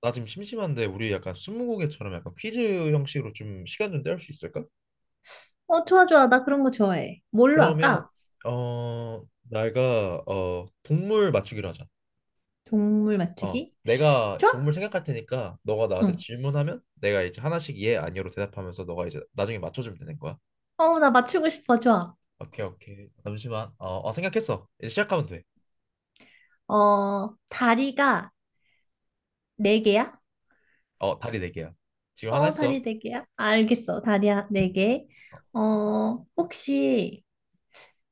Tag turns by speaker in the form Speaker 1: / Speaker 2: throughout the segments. Speaker 1: 나 지금 심심한데 우리 약간 스무고개처럼 약간 퀴즈 형식으로 좀 시간 좀 때울 수 있을까?
Speaker 2: 좋아, 좋아. 나 그런 거 좋아해. 뭘로
Speaker 1: 그러면
Speaker 2: 할까?
Speaker 1: 어 내가 동물 맞추기로 하자.
Speaker 2: 동물 맞추기?
Speaker 1: 내가
Speaker 2: 좋아?
Speaker 1: 동물 생각할 테니까 너가 나한테
Speaker 2: 응.
Speaker 1: 질문하면 내가 이제 하나씩 예 아니요로 대답하면서 너가 이제 나중에 맞춰주면 되는 거야.
Speaker 2: 나 맞추고 싶어. 좋아.
Speaker 1: 오케이, 오케이. 잠시만. 생각했어. 이제 시작하면 돼.
Speaker 2: 다리가 네 개야?
Speaker 1: 다리 네 개야. 지금 하나 했어.
Speaker 2: 다리 네 개야? 알겠어. 다리야 네 개.
Speaker 1: 어,
Speaker 2: 혹시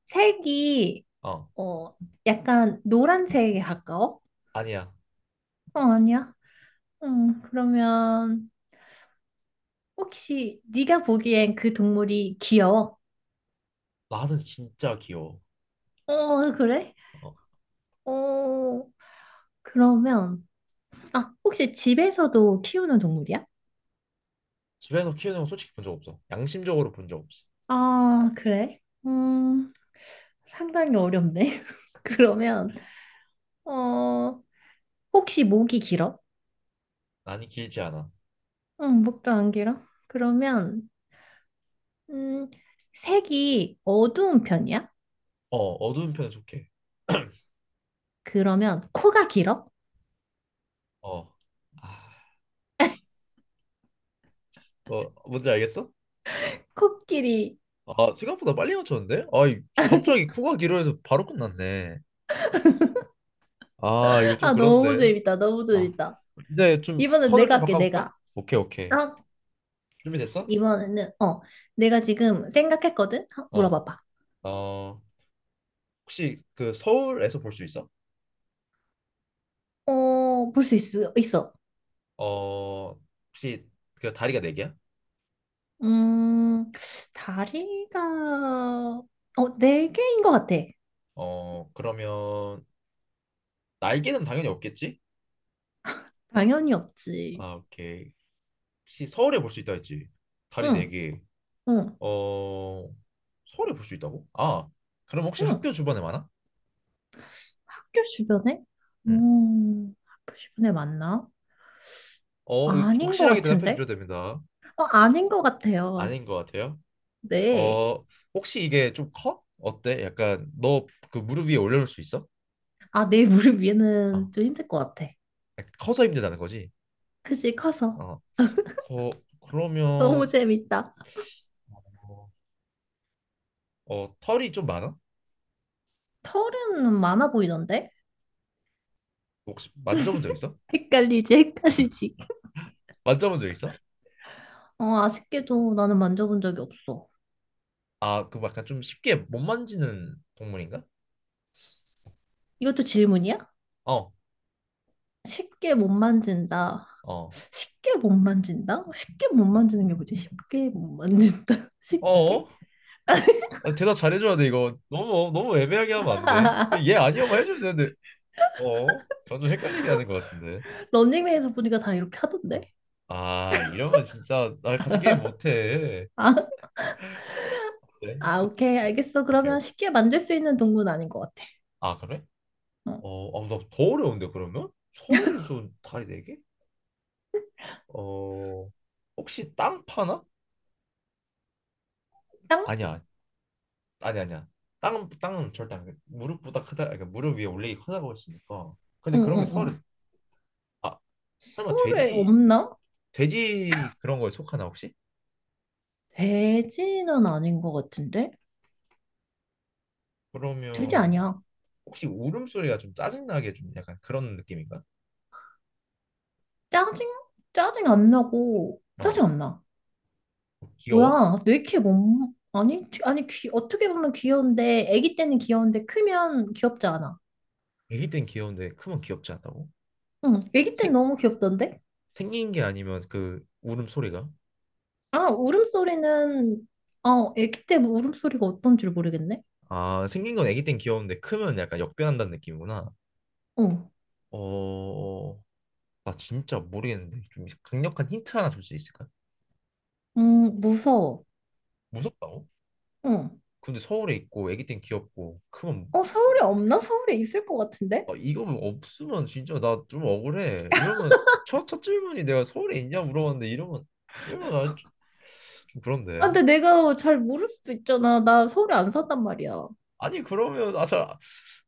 Speaker 2: 색이,
Speaker 1: 어
Speaker 2: 어, 약간 노란색에 가까워?
Speaker 1: 아니야.
Speaker 2: 아니야. 응, 그러면 혹시 네가 보기엔 그 동물이 귀여워?
Speaker 1: 나는 진짜 귀여워.
Speaker 2: 그래?
Speaker 1: 어
Speaker 2: 어, 그러면 아, 혹시 집에서도 키우는 동물이야?
Speaker 1: 집에서 키우는 거 솔직히 본 적 없어. 양심적으로 본 적 없어.
Speaker 2: 아, 그래? 음, 상당히 어렵네. 그러면, 어, 혹시 목이 길어?
Speaker 1: 난이 길지 않아.
Speaker 2: 응, 목도 안 길어. 그러면, 음, 색이 어두운 편이야?
Speaker 1: 어, 어두운 편에 속해.
Speaker 2: 그러면 코가 길어?
Speaker 1: 어. 아, 뭔지 알겠어?
Speaker 2: 코끼리.
Speaker 1: 아, 생각보다 빨리 맞췄는데? 아, 갑자기 코가 길어져서 바로 끝났네. 아, 이거 좀
Speaker 2: 아, 너무
Speaker 1: 그런데.
Speaker 2: 재밌다. 너무
Speaker 1: 아.
Speaker 2: 재밌다.
Speaker 1: 이제 좀
Speaker 2: 이번엔
Speaker 1: 턴을
Speaker 2: 내가
Speaker 1: 좀
Speaker 2: 할게,
Speaker 1: 바꿔볼까?
Speaker 2: 내가.
Speaker 1: 오케이, 오케이.
Speaker 2: 아,
Speaker 1: 준비됐어?
Speaker 2: 이번에는, 내가 지금 생각했거든?
Speaker 1: 어.
Speaker 2: 물어봐봐.
Speaker 1: 어, 혹시 그 서울에서 볼 수 있어?
Speaker 2: 볼 수 있어.
Speaker 1: 어, 혹시 그 다리가 네 개야?
Speaker 2: 음, 다리가, 네 개인 것 같아.
Speaker 1: 그러면 날개는 당연히 없겠지?
Speaker 2: 당연히 없지.
Speaker 1: 아, 오케이. 혹시 서울에 볼 수 있다 했지? 다리 네
Speaker 2: 응,
Speaker 1: 개.
Speaker 2: 응,
Speaker 1: 어, 서울에 볼 수 있다고? 아, 그럼 혹시
Speaker 2: 응.
Speaker 1: 학교 주변에 많아?
Speaker 2: 학교 주변에?
Speaker 1: 응.
Speaker 2: 학교 주변에 맞나?
Speaker 1: 이거
Speaker 2: 아닌 것
Speaker 1: 확실하게 대답해 주셔야
Speaker 2: 같은데?
Speaker 1: 됩니다.
Speaker 2: 아닌 것 같아요.
Speaker 1: 아닌 것 같아요.
Speaker 2: 네.
Speaker 1: 어, 혹시 이게 좀 커? 어때? 약간 너 그 무릎 위에 올려놓을 수 있어?
Speaker 2: 아, 내 무릎
Speaker 1: 아,
Speaker 2: 위에는 좀 힘들 것 같아.
Speaker 1: 약간 커서 힘들다는 거지?
Speaker 2: 그지, 커서.
Speaker 1: 어,
Speaker 2: 너무
Speaker 1: 그러면,
Speaker 2: 재밌다.
Speaker 1: 어, 털이 좀 많아?
Speaker 2: 털은 많아 보이던데?
Speaker 1: 혹시 만져본 적 있어?
Speaker 2: 헷갈리지, 헷갈리지.
Speaker 1: 만져본 적 있어?
Speaker 2: 아쉽게도 나는 만져본 적이 없어.
Speaker 1: 아, 그 약간 좀 쉽게 못 만지는 동물인가?
Speaker 2: 이것도 질문이야?
Speaker 1: 어,
Speaker 2: 쉽게 못 만진다.
Speaker 1: 어,
Speaker 2: 쉽게 못 만진다? 쉽게 못 만지는 게 뭐지? 쉽게 못 만진다. 쉽게?
Speaker 1: 어, 대답 잘해줘야 돼. 이거 너무 너무 애매하게 하면 안 돼. 얘 아니요만 해주면 되는데, 어? 점점 헷갈리게 하는 것 같은데.
Speaker 2: 런닝맨에서 보니까 다 이렇게 하던데?
Speaker 1: 아, 이러면 진짜 나 같이 게임 못해.
Speaker 2: 아,
Speaker 1: 그래?
Speaker 2: 아, 오케이. 알겠어.
Speaker 1: 오케이,
Speaker 2: 그러면
Speaker 1: 오케이.
Speaker 2: 쉽게 만질 수 있는 동물은 아닌 것 같아.
Speaker 1: 아, 그래?
Speaker 2: 어.
Speaker 1: 나더 어려운데 그러면? 서울에서 다리 네 개? 어, 혹시 땅 파나?
Speaker 2: 땅?
Speaker 1: 아니야, 아니, 아니야. 땅은 절대 안 돼. 무릎보다 크다. 그러니까 무릎 위에 올리기 크다고 했으니까. 근데
Speaker 2: 응,
Speaker 1: 그런 게
Speaker 2: 응, 응.
Speaker 1: 서울에, 아 설마
Speaker 2: 서울에
Speaker 1: 돼지,
Speaker 2: 없나?
Speaker 1: 돼지 그런 거에 속하나 혹시?
Speaker 2: 돼지는 아닌 것 같은데? 돼지
Speaker 1: 그러면
Speaker 2: 아니야.
Speaker 1: 혹시 울음소리가 좀 짜증나게 좀 약간 그런 느낌인가?
Speaker 2: 짜증? 짜증 안 나고,
Speaker 1: 어.
Speaker 2: 짜증 안 나.
Speaker 1: 귀여워?
Speaker 2: 뭐야, 왜 이렇게 못, 아니, 귀- 아니, 귀, 어떻게 보면 귀여운데, 아기 때는 귀여운데, 크면 귀엽지 않아.
Speaker 1: 애기 땐 귀여운데 크면 귀엽지 않다고?
Speaker 2: 응, 아기 때는
Speaker 1: 생,
Speaker 2: 너무 귀엽던데?
Speaker 1: 생긴 게 아니면 그 울음소리가?
Speaker 2: 아, 울음소리는, 아기 때 뭐 울음소리가 어떤지 모르겠네?
Speaker 1: 아, 생긴 건 애기 땐 귀여운데 크면 약간 역변한다는 느낌이구나.
Speaker 2: 어,
Speaker 1: 어, 나 진짜 모르겠는데 좀 강력한 힌트 하나 줄 수 있을까?
Speaker 2: 무서워.
Speaker 1: 무섭다고?
Speaker 2: 응.
Speaker 1: 근데 서울에 있고 애기 땐 귀엽고 크면,
Speaker 2: 어, 서울에 없나? 서울에 있을 것 같은데?
Speaker 1: 이거 뭐 없으면 진짜 나 좀 억울해. 이러면 첫 질문이 내가 서울에 있냐 물어봤는데, 이러면 이러면 나좀
Speaker 2: 아,
Speaker 1: 그런데.
Speaker 2: 근데 내가 잘 모를 수도 있잖아. 나 서울에 안 산단 말이야.
Speaker 1: 아니 그러면,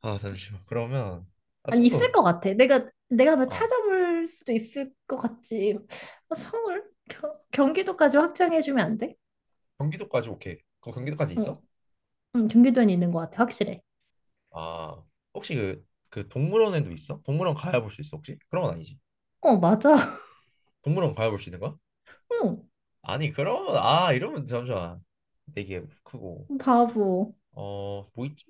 Speaker 1: 잠시만. 그러면
Speaker 2: 아니,
Speaker 1: 좀
Speaker 2: 있을
Speaker 1: 더.
Speaker 2: 것 같아. 내가, 내가 한번
Speaker 1: 아
Speaker 2: 찾아볼 수도 있을 것 같지. 아, 서울? 경, 경기도까지 확장해주면 안 돼?
Speaker 1: 경기도까지, 오케이. 거 경기도까지
Speaker 2: 응,
Speaker 1: 있어?
Speaker 2: 응. 응, 경기도에는 있는 것 같아, 확실해.
Speaker 1: 아 혹시 그 동물원에도 있어? 동물원 가야 볼 수 있어, 혹시? 그런 건 아니지?
Speaker 2: 어, 맞아.
Speaker 1: 동물원 가야 볼 수 있는 거야?
Speaker 2: 응,
Speaker 1: 아니 그러면, 이러면 잠시만, 되게 크고,
Speaker 2: 바보.
Speaker 1: 뭐 있지?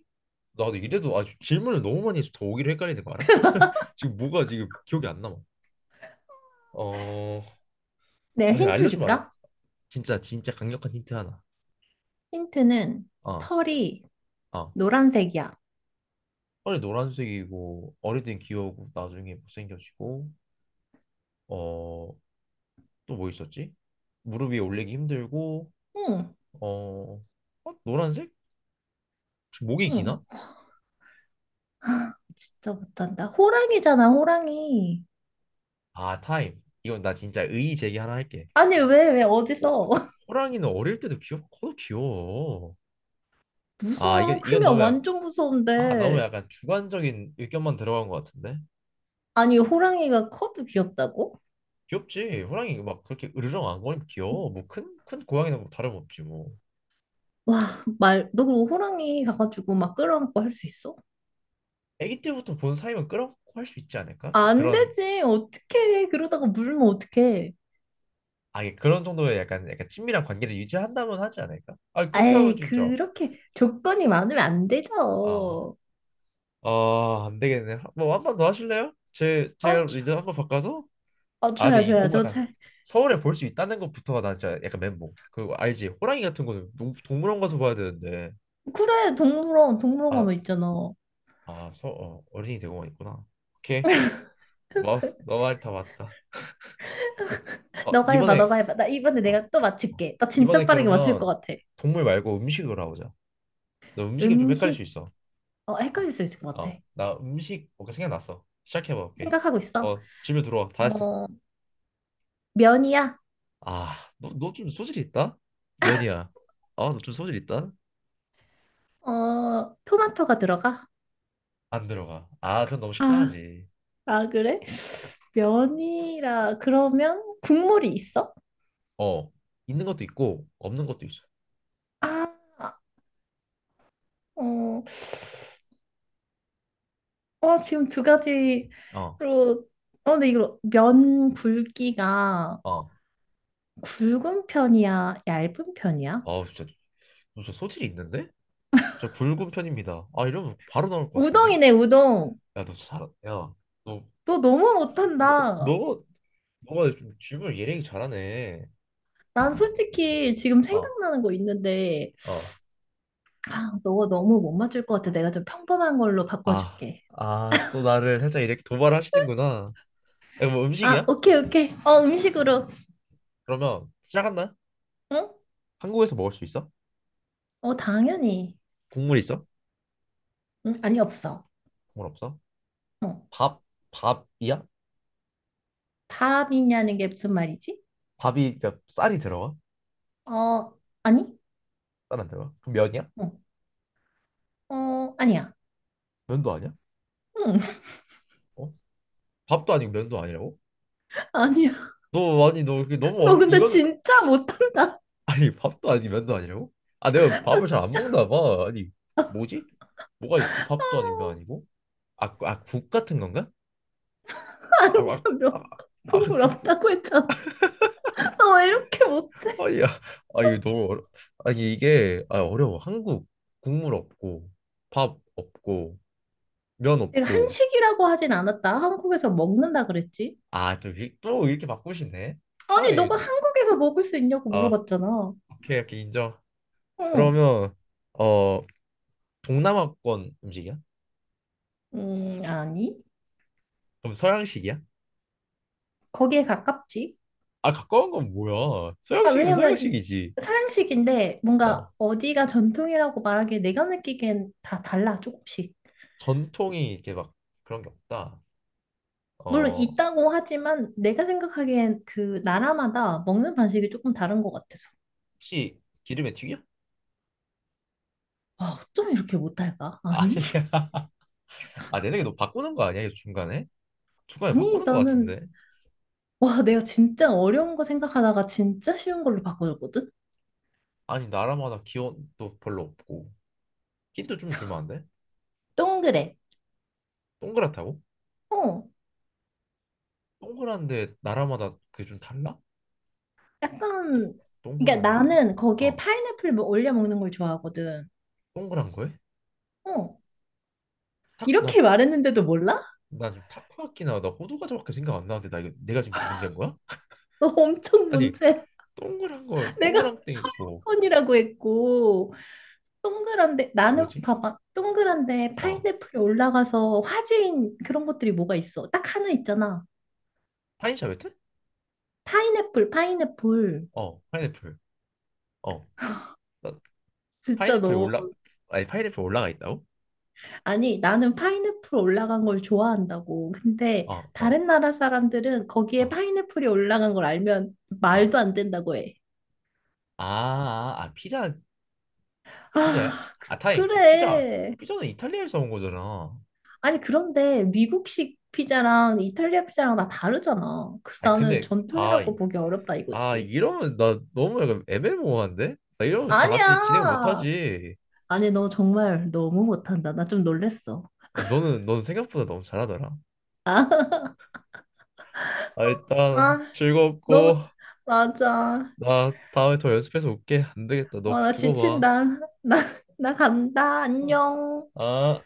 Speaker 1: 나도 이래도 아주 질문을 너무 많이 해서 더 오기로 헷갈리는 거 알아? 지금 뭐가 지금 기억이 안 남아. 어
Speaker 2: 내가
Speaker 1: 그냥
Speaker 2: 힌트
Speaker 1: 알려주면 안 돼?
Speaker 2: 줄까?
Speaker 1: 진짜 진짜 강력한 힌트 하나.
Speaker 2: 힌트는
Speaker 1: 어어
Speaker 2: 털이 노란색이야.
Speaker 1: 빨리 노란색이고 어릴 땐 귀여우고 나중에 못생겨지고, 어 또 뭐 있었지? 무릎 위에 올리기 힘들고,
Speaker 2: 응,
Speaker 1: 어, 어? 노란색? 혹시 목이 기나?
Speaker 2: 응, 진짜 못한다. 호랑이잖아, 호랑이.
Speaker 1: 아, 타임. 이건 나 진짜 의의 제기 하나 할게.
Speaker 2: 아니, 왜, 왜,
Speaker 1: 어?
Speaker 2: 어디서?
Speaker 1: 호랑이는 어릴 때도 귀엽고 커도 귀여워. 아 이건
Speaker 2: 무서워.
Speaker 1: 이건
Speaker 2: 크면
Speaker 1: 너무 약,
Speaker 2: 완전
Speaker 1: 아 너무
Speaker 2: 무서운데.
Speaker 1: 약간 주관적인 의견만 들어간 것 같은데.
Speaker 2: 아니, 호랑이가 커도 귀엽다고?
Speaker 1: 귀엽지. 호랑이 막 그렇게 으르렁 안 거리면 귀여워. 뭐 큰 고양이는 뭐 다름없지 뭐.
Speaker 2: 와, 말, 너 그리고 호랑이 가가지고 막 끌어안고 할 수 있어?
Speaker 1: 아기 때부터 본 사이면 끌어안고 할 수 있지 않을까? 좀
Speaker 2: 안
Speaker 1: 그런.
Speaker 2: 되지. 어떡해. 그러다가 물면 어떡해.
Speaker 1: 아, 예, 그런 정도의 약간 약간 친밀한 관계를 유지한다면 하지 않을까? 아, 그렇게 하면
Speaker 2: 에이,
Speaker 1: 진짜,
Speaker 2: 그렇게 조건이 많으면 안 되죠.
Speaker 1: 아, 안 되겠네. 뭐 한 번 더 하실래요? 제
Speaker 2: 어,
Speaker 1: 제가
Speaker 2: 줘-
Speaker 1: 이제 한 번 바꿔서. 아, 근데
Speaker 2: 줘야, 줘
Speaker 1: 이게
Speaker 2: 야
Speaker 1: 너무
Speaker 2: 저
Speaker 1: 약간
Speaker 2: 잘.
Speaker 1: 서울에 볼 수 있다는 것부터가 나 진짜 약간 멘붕. 그 알지? 호랑이 같은 거는 동물원 가서 봐야 되는데.
Speaker 2: 그래, 동물원, 동물원
Speaker 1: 아,
Speaker 2: 가면 있잖아.
Speaker 1: 어린이 대공원 있구나. 오케이. 뭐, 너말 다 맞다.
Speaker 2: 너가 해봐,
Speaker 1: 이번에,
Speaker 2: 너가 해봐. 나 이번에
Speaker 1: 어,
Speaker 2: 내가 또
Speaker 1: 어.
Speaker 2: 맞출게. 나 진짜
Speaker 1: 이번에
Speaker 2: 빠르게 맞출 것
Speaker 1: 그러면
Speaker 2: 같아.
Speaker 1: 동물 말고 음식으로 하자. 너 음식이 좀 헷갈릴 수
Speaker 2: 음식,
Speaker 1: 있어.
Speaker 2: 헷갈릴 수 있을 것 같아.
Speaker 1: 나 음식 뭔가 생각났어. 시작해봐, 오케이.
Speaker 2: 생각하고 있어.
Speaker 1: 질문 들어와. 다 했어.
Speaker 2: 어, 면이야.
Speaker 1: 아, 너 좀 소질 있다? 면이야. 아, 너 좀 소질 있다?
Speaker 2: 토마토가 들어가.
Speaker 1: 안 들어가. 아, 그럼 너무
Speaker 2: 아,
Speaker 1: 식상하지.
Speaker 2: 아, 그래? 면이라, 그러면 국물이 있어?
Speaker 1: 어, 있는 것도 있고, 없는 것도 있어.
Speaker 2: 아, 어, 어, 지금 두 가지로,
Speaker 1: 어,
Speaker 2: 근데 이거 면 굵기가
Speaker 1: 어.
Speaker 2: 굵은 편이야? 얇은 편이야?
Speaker 1: 진짜, 너 진짜 소질이 있는데? 저 굵은 편입니다. 아, 이러면 바로 나올 것 같은데?
Speaker 2: 우동이네, 우동.
Speaker 1: 야, 너 잘, 야, 너,
Speaker 2: 너 너무
Speaker 1: 야,
Speaker 2: 못한다.
Speaker 1: 너, 너가 좀 질문을 예리하게 잘하네.
Speaker 2: 난 솔직히 지금
Speaker 1: 어,
Speaker 2: 생각나는 거 있는데,
Speaker 1: 어.
Speaker 2: 아, 너가 너무 못 맞출 것 같아. 내가 좀 평범한 걸로
Speaker 1: 아,
Speaker 2: 바꿔줄게.
Speaker 1: 또 나를 살짝 이렇게 도발하시는구나. 이거 뭐
Speaker 2: 아,
Speaker 1: 음식이야?
Speaker 2: 오케이, 오케이. 어, 음식으로.
Speaker 1: 그러면 시작한다.
Speaker 2: 응?
Speaker 1: 한국에서 먹을 수 있어?
Speaker 2: 당연히.
Speaker 1: 국물 있어?
Speaker 2: 응, 아니, 없어.
Speaker 1: 국물 없어?
Speaker 2: 응.
Speaker 1: 밥? 밥이야?
Speaker 2: 답이냐는 게 무슨 말이지?
Speaker 1: 밥이, 그러니까 쌀이 들어가?
Speaker 2: 어, 아니?
Speaker 1: 쌀 안 들어가? 그럼 면이야?
Speaker 2: 응. 어, 아니야.
Speaker 1: 면도 아니야?
Speaker 2: 응,
Speaker 1: 어? 밥도 아니고 면도 아니라고?
Speaker 2: 아니야.
Speaker 1: 너, 아니, 너 이게 너무
Speaker 2: 너
Speaker 1: 어렵
Speaker 2: 근데
Speaker 1: 이거는.
Speaker 2: 진짜 못한다.
Speaker 1: 아니 밥도 아니고 면도 아니라고? 아, 내가
Speaker 2: 나
Speaker 1: 밥을 잘 안
Speaker 2: 진짜.
Speaker 1: 먹나 봐. 아니 뭐지? 뭐가 있지?
Speaker 2: 아,
Speaker 1: 밥도 아니고 면 아니고? 국 같은 건가? 아,
Speaker 2: 아니야,
Speaker 1: 아, 아,
Speaker 2: 몇
Speaker 1: 아, 그
Speaker 2: 국물
Speaker 1: 국.
Speaker 2: 없다고 했잖아. 너 왜 이렇게
Speaker 1: 아,
Speaker 2: 못해?
Speaker 1: 야, 아, 이거 너무 이게, 어려워. 한국. 국물 없고, 밥 없고, 면
Speaker 2: 내가
Speaker 1: 없고,
Speaker 2: 한식이라고 하진 않았다. 한국에서 먹는다 그랬지?
Speaker 1: 아, 또 이렇게 바꾸시네? 아,
Speaker 2: 아니, 너가 한국에서 먹을 수 있냐고
Speaker 1: 아,
Speaker 2: 물어봤잖아.
Speaker 1: 오케이, 오케이, 인정.
Speaker 2: 응.
Speaker 1: 그러면, 어, 동남아권 음식이야?
Speaker 2: 아니.
Speaker 1: 그럼 서양식이야?
Speaker 2: 거기에 가깝지.
Speaker 1: 아, 가까운 건 뭐야?
Speaker 2: 아,
Speaker 1: 서양식이면
Speaker 2: 왜냐면 이
Speaker 1: 서양식이지.
Speaker 2: 서양식인데 뭔가
Speaker 1: 어,
Speaker 2: 어디가 전통이라고 말하기에 내가 느끼기엔 다 달라, 조금씩.
Speaker 1: 전통이 이렇게 막 그런 게 없다.
Speaker 2: 물론
Speaker 1: 어,
Speaker 2: 있다고 하지만 내가 생각하기엔 그 나라마다 먹는 방식이 조금 다른 것 같아서.
Speaker 1: 혹시 기름에 튀겨?
Speaker 2: 아, 어쩜 이렇게 못할까? 아니?
Speaker 1: 아니야. 아, 내 생각에 너 바꾸는 거 아니야? 이거 중간에? 중간에
Speaker 2: 아니,
Speaker 1: 바꾸는 거
Speaker 2: 나는,
Speaker 1: 같은데?
Speaker 2: 와, 내가 진짜 어려운 거 생각하다가 진짜 쉬운 걸로 바꿔줬거든?
Speaker 1: 아니 나라마다 기온도 별로 없고. 힌트 좀 주면 안 돼?
Speaker 2: 동그래.
Speaker 1: 동그랗다고?
Speaker 2: 어,
Speaker 1: 동그란데 나라마다 그게 좀 달라? 동-
Speaker 2: 약간, 그러니까
Speaker 1: 동그란데.
Speaker 2: 나는 거기에
Speaker 1: 어
Speaker 2: 파인애플 뭐 올려 먹는 걸 좋아하거든.
Speaker 1: 동그란 거에?
Speaker 2: 어,
Speaker 1: 탁나
Speaker 2: 이렇게 말했는데도 몰라?
Speaker 1: 나금 타코야키나 나 호두과자밖에 생각 안 나는데, 나 이거 내가 지금 문제인 거야?
Speaker 2: 너 엄청
Speaker 1: 아니
Speaker 2: 문제.
Speaker 1: 동그란 거,
Speaker 2: 내가
Speaker 1: 동그란 땡 있고.
Speaker 2: 서양권이라고 했고, 동그란데, 나는
Speaker 1: 뭐지?
Speaker 2: 봐봐, 동그란데
Speaker 1: 어
Speaker 2: 파인애플이 올라가서 화제인 그런 것들이 뭐가 있어? 딱 하나 있잖아.
Speaker 1: 파인 샤베트?
Speaker 2: 파인애플, 파인애플.
Speaker 1: 파인애플. 어나
Speaker 2: 진짜
Speaker 1: 파인애플이
Speaker 2: 너.
Speaker 1: 올라. 아니 파인애플 올라가 있다고?
Speaker 2: 아니, 나는 파인애플 올라간 걸 좋아한다고. 근데
Speaker 1: 어, 어,
Speaker 2: 다른 나라 사람들은 거기에
Speaker 1: 어,
Speaker 2: 파인애플이 올라간 걸 알면
Speaker 1: 어,
Speaker 2: 말도
Speaker 1: 아
Speaker 2: 안 된다고 해.
Speaker 1: 아 아, 피자. 피자야?
Speaker 2: 아, 그,
Speaker 1: 아, 타임. 피자.
Speaker 2: 그래.
Speaker 1: 피자는 이탈리아에서 온 거잖아.
Speaker 2: 아니, 그런데 미국식 피자랑 이탈리아 피자랑 다 다르잖아. 그래서
Speaker 1: 아
Speaker 2: 나는
Speaker 1: 근데,
Speaker 2: 전통이라고 보기 어렵다
Speaker 1: 아
Speaker 2: 이거지.
Speaker 1: 이러면 나 너무 약간 애매모호한데? 나 이러면 다 같이 진행
Speaker 2: 아니야.
Speaker 1: 못하지.
Speaker 2: 아니, 너 정말 너무 못한다. 나 좀 놀랬어.
Speaker 1: 너는, 넌 생각보다 너무 잘하더라. 아, 일단
Speaker 2: 아, 너무,
Speaker 1: 즐겁고.
Speaker 2: 맞아.
Speaker 1: 나 다음에 더 연습해서 올게. 안 되겠다. 너
Speaker 2: 어, 나
Speaker 1: 두고 봐.
Speaker 2: 지친다. 나, 나 간다. 안녕.
Speaker 1: 아. 아.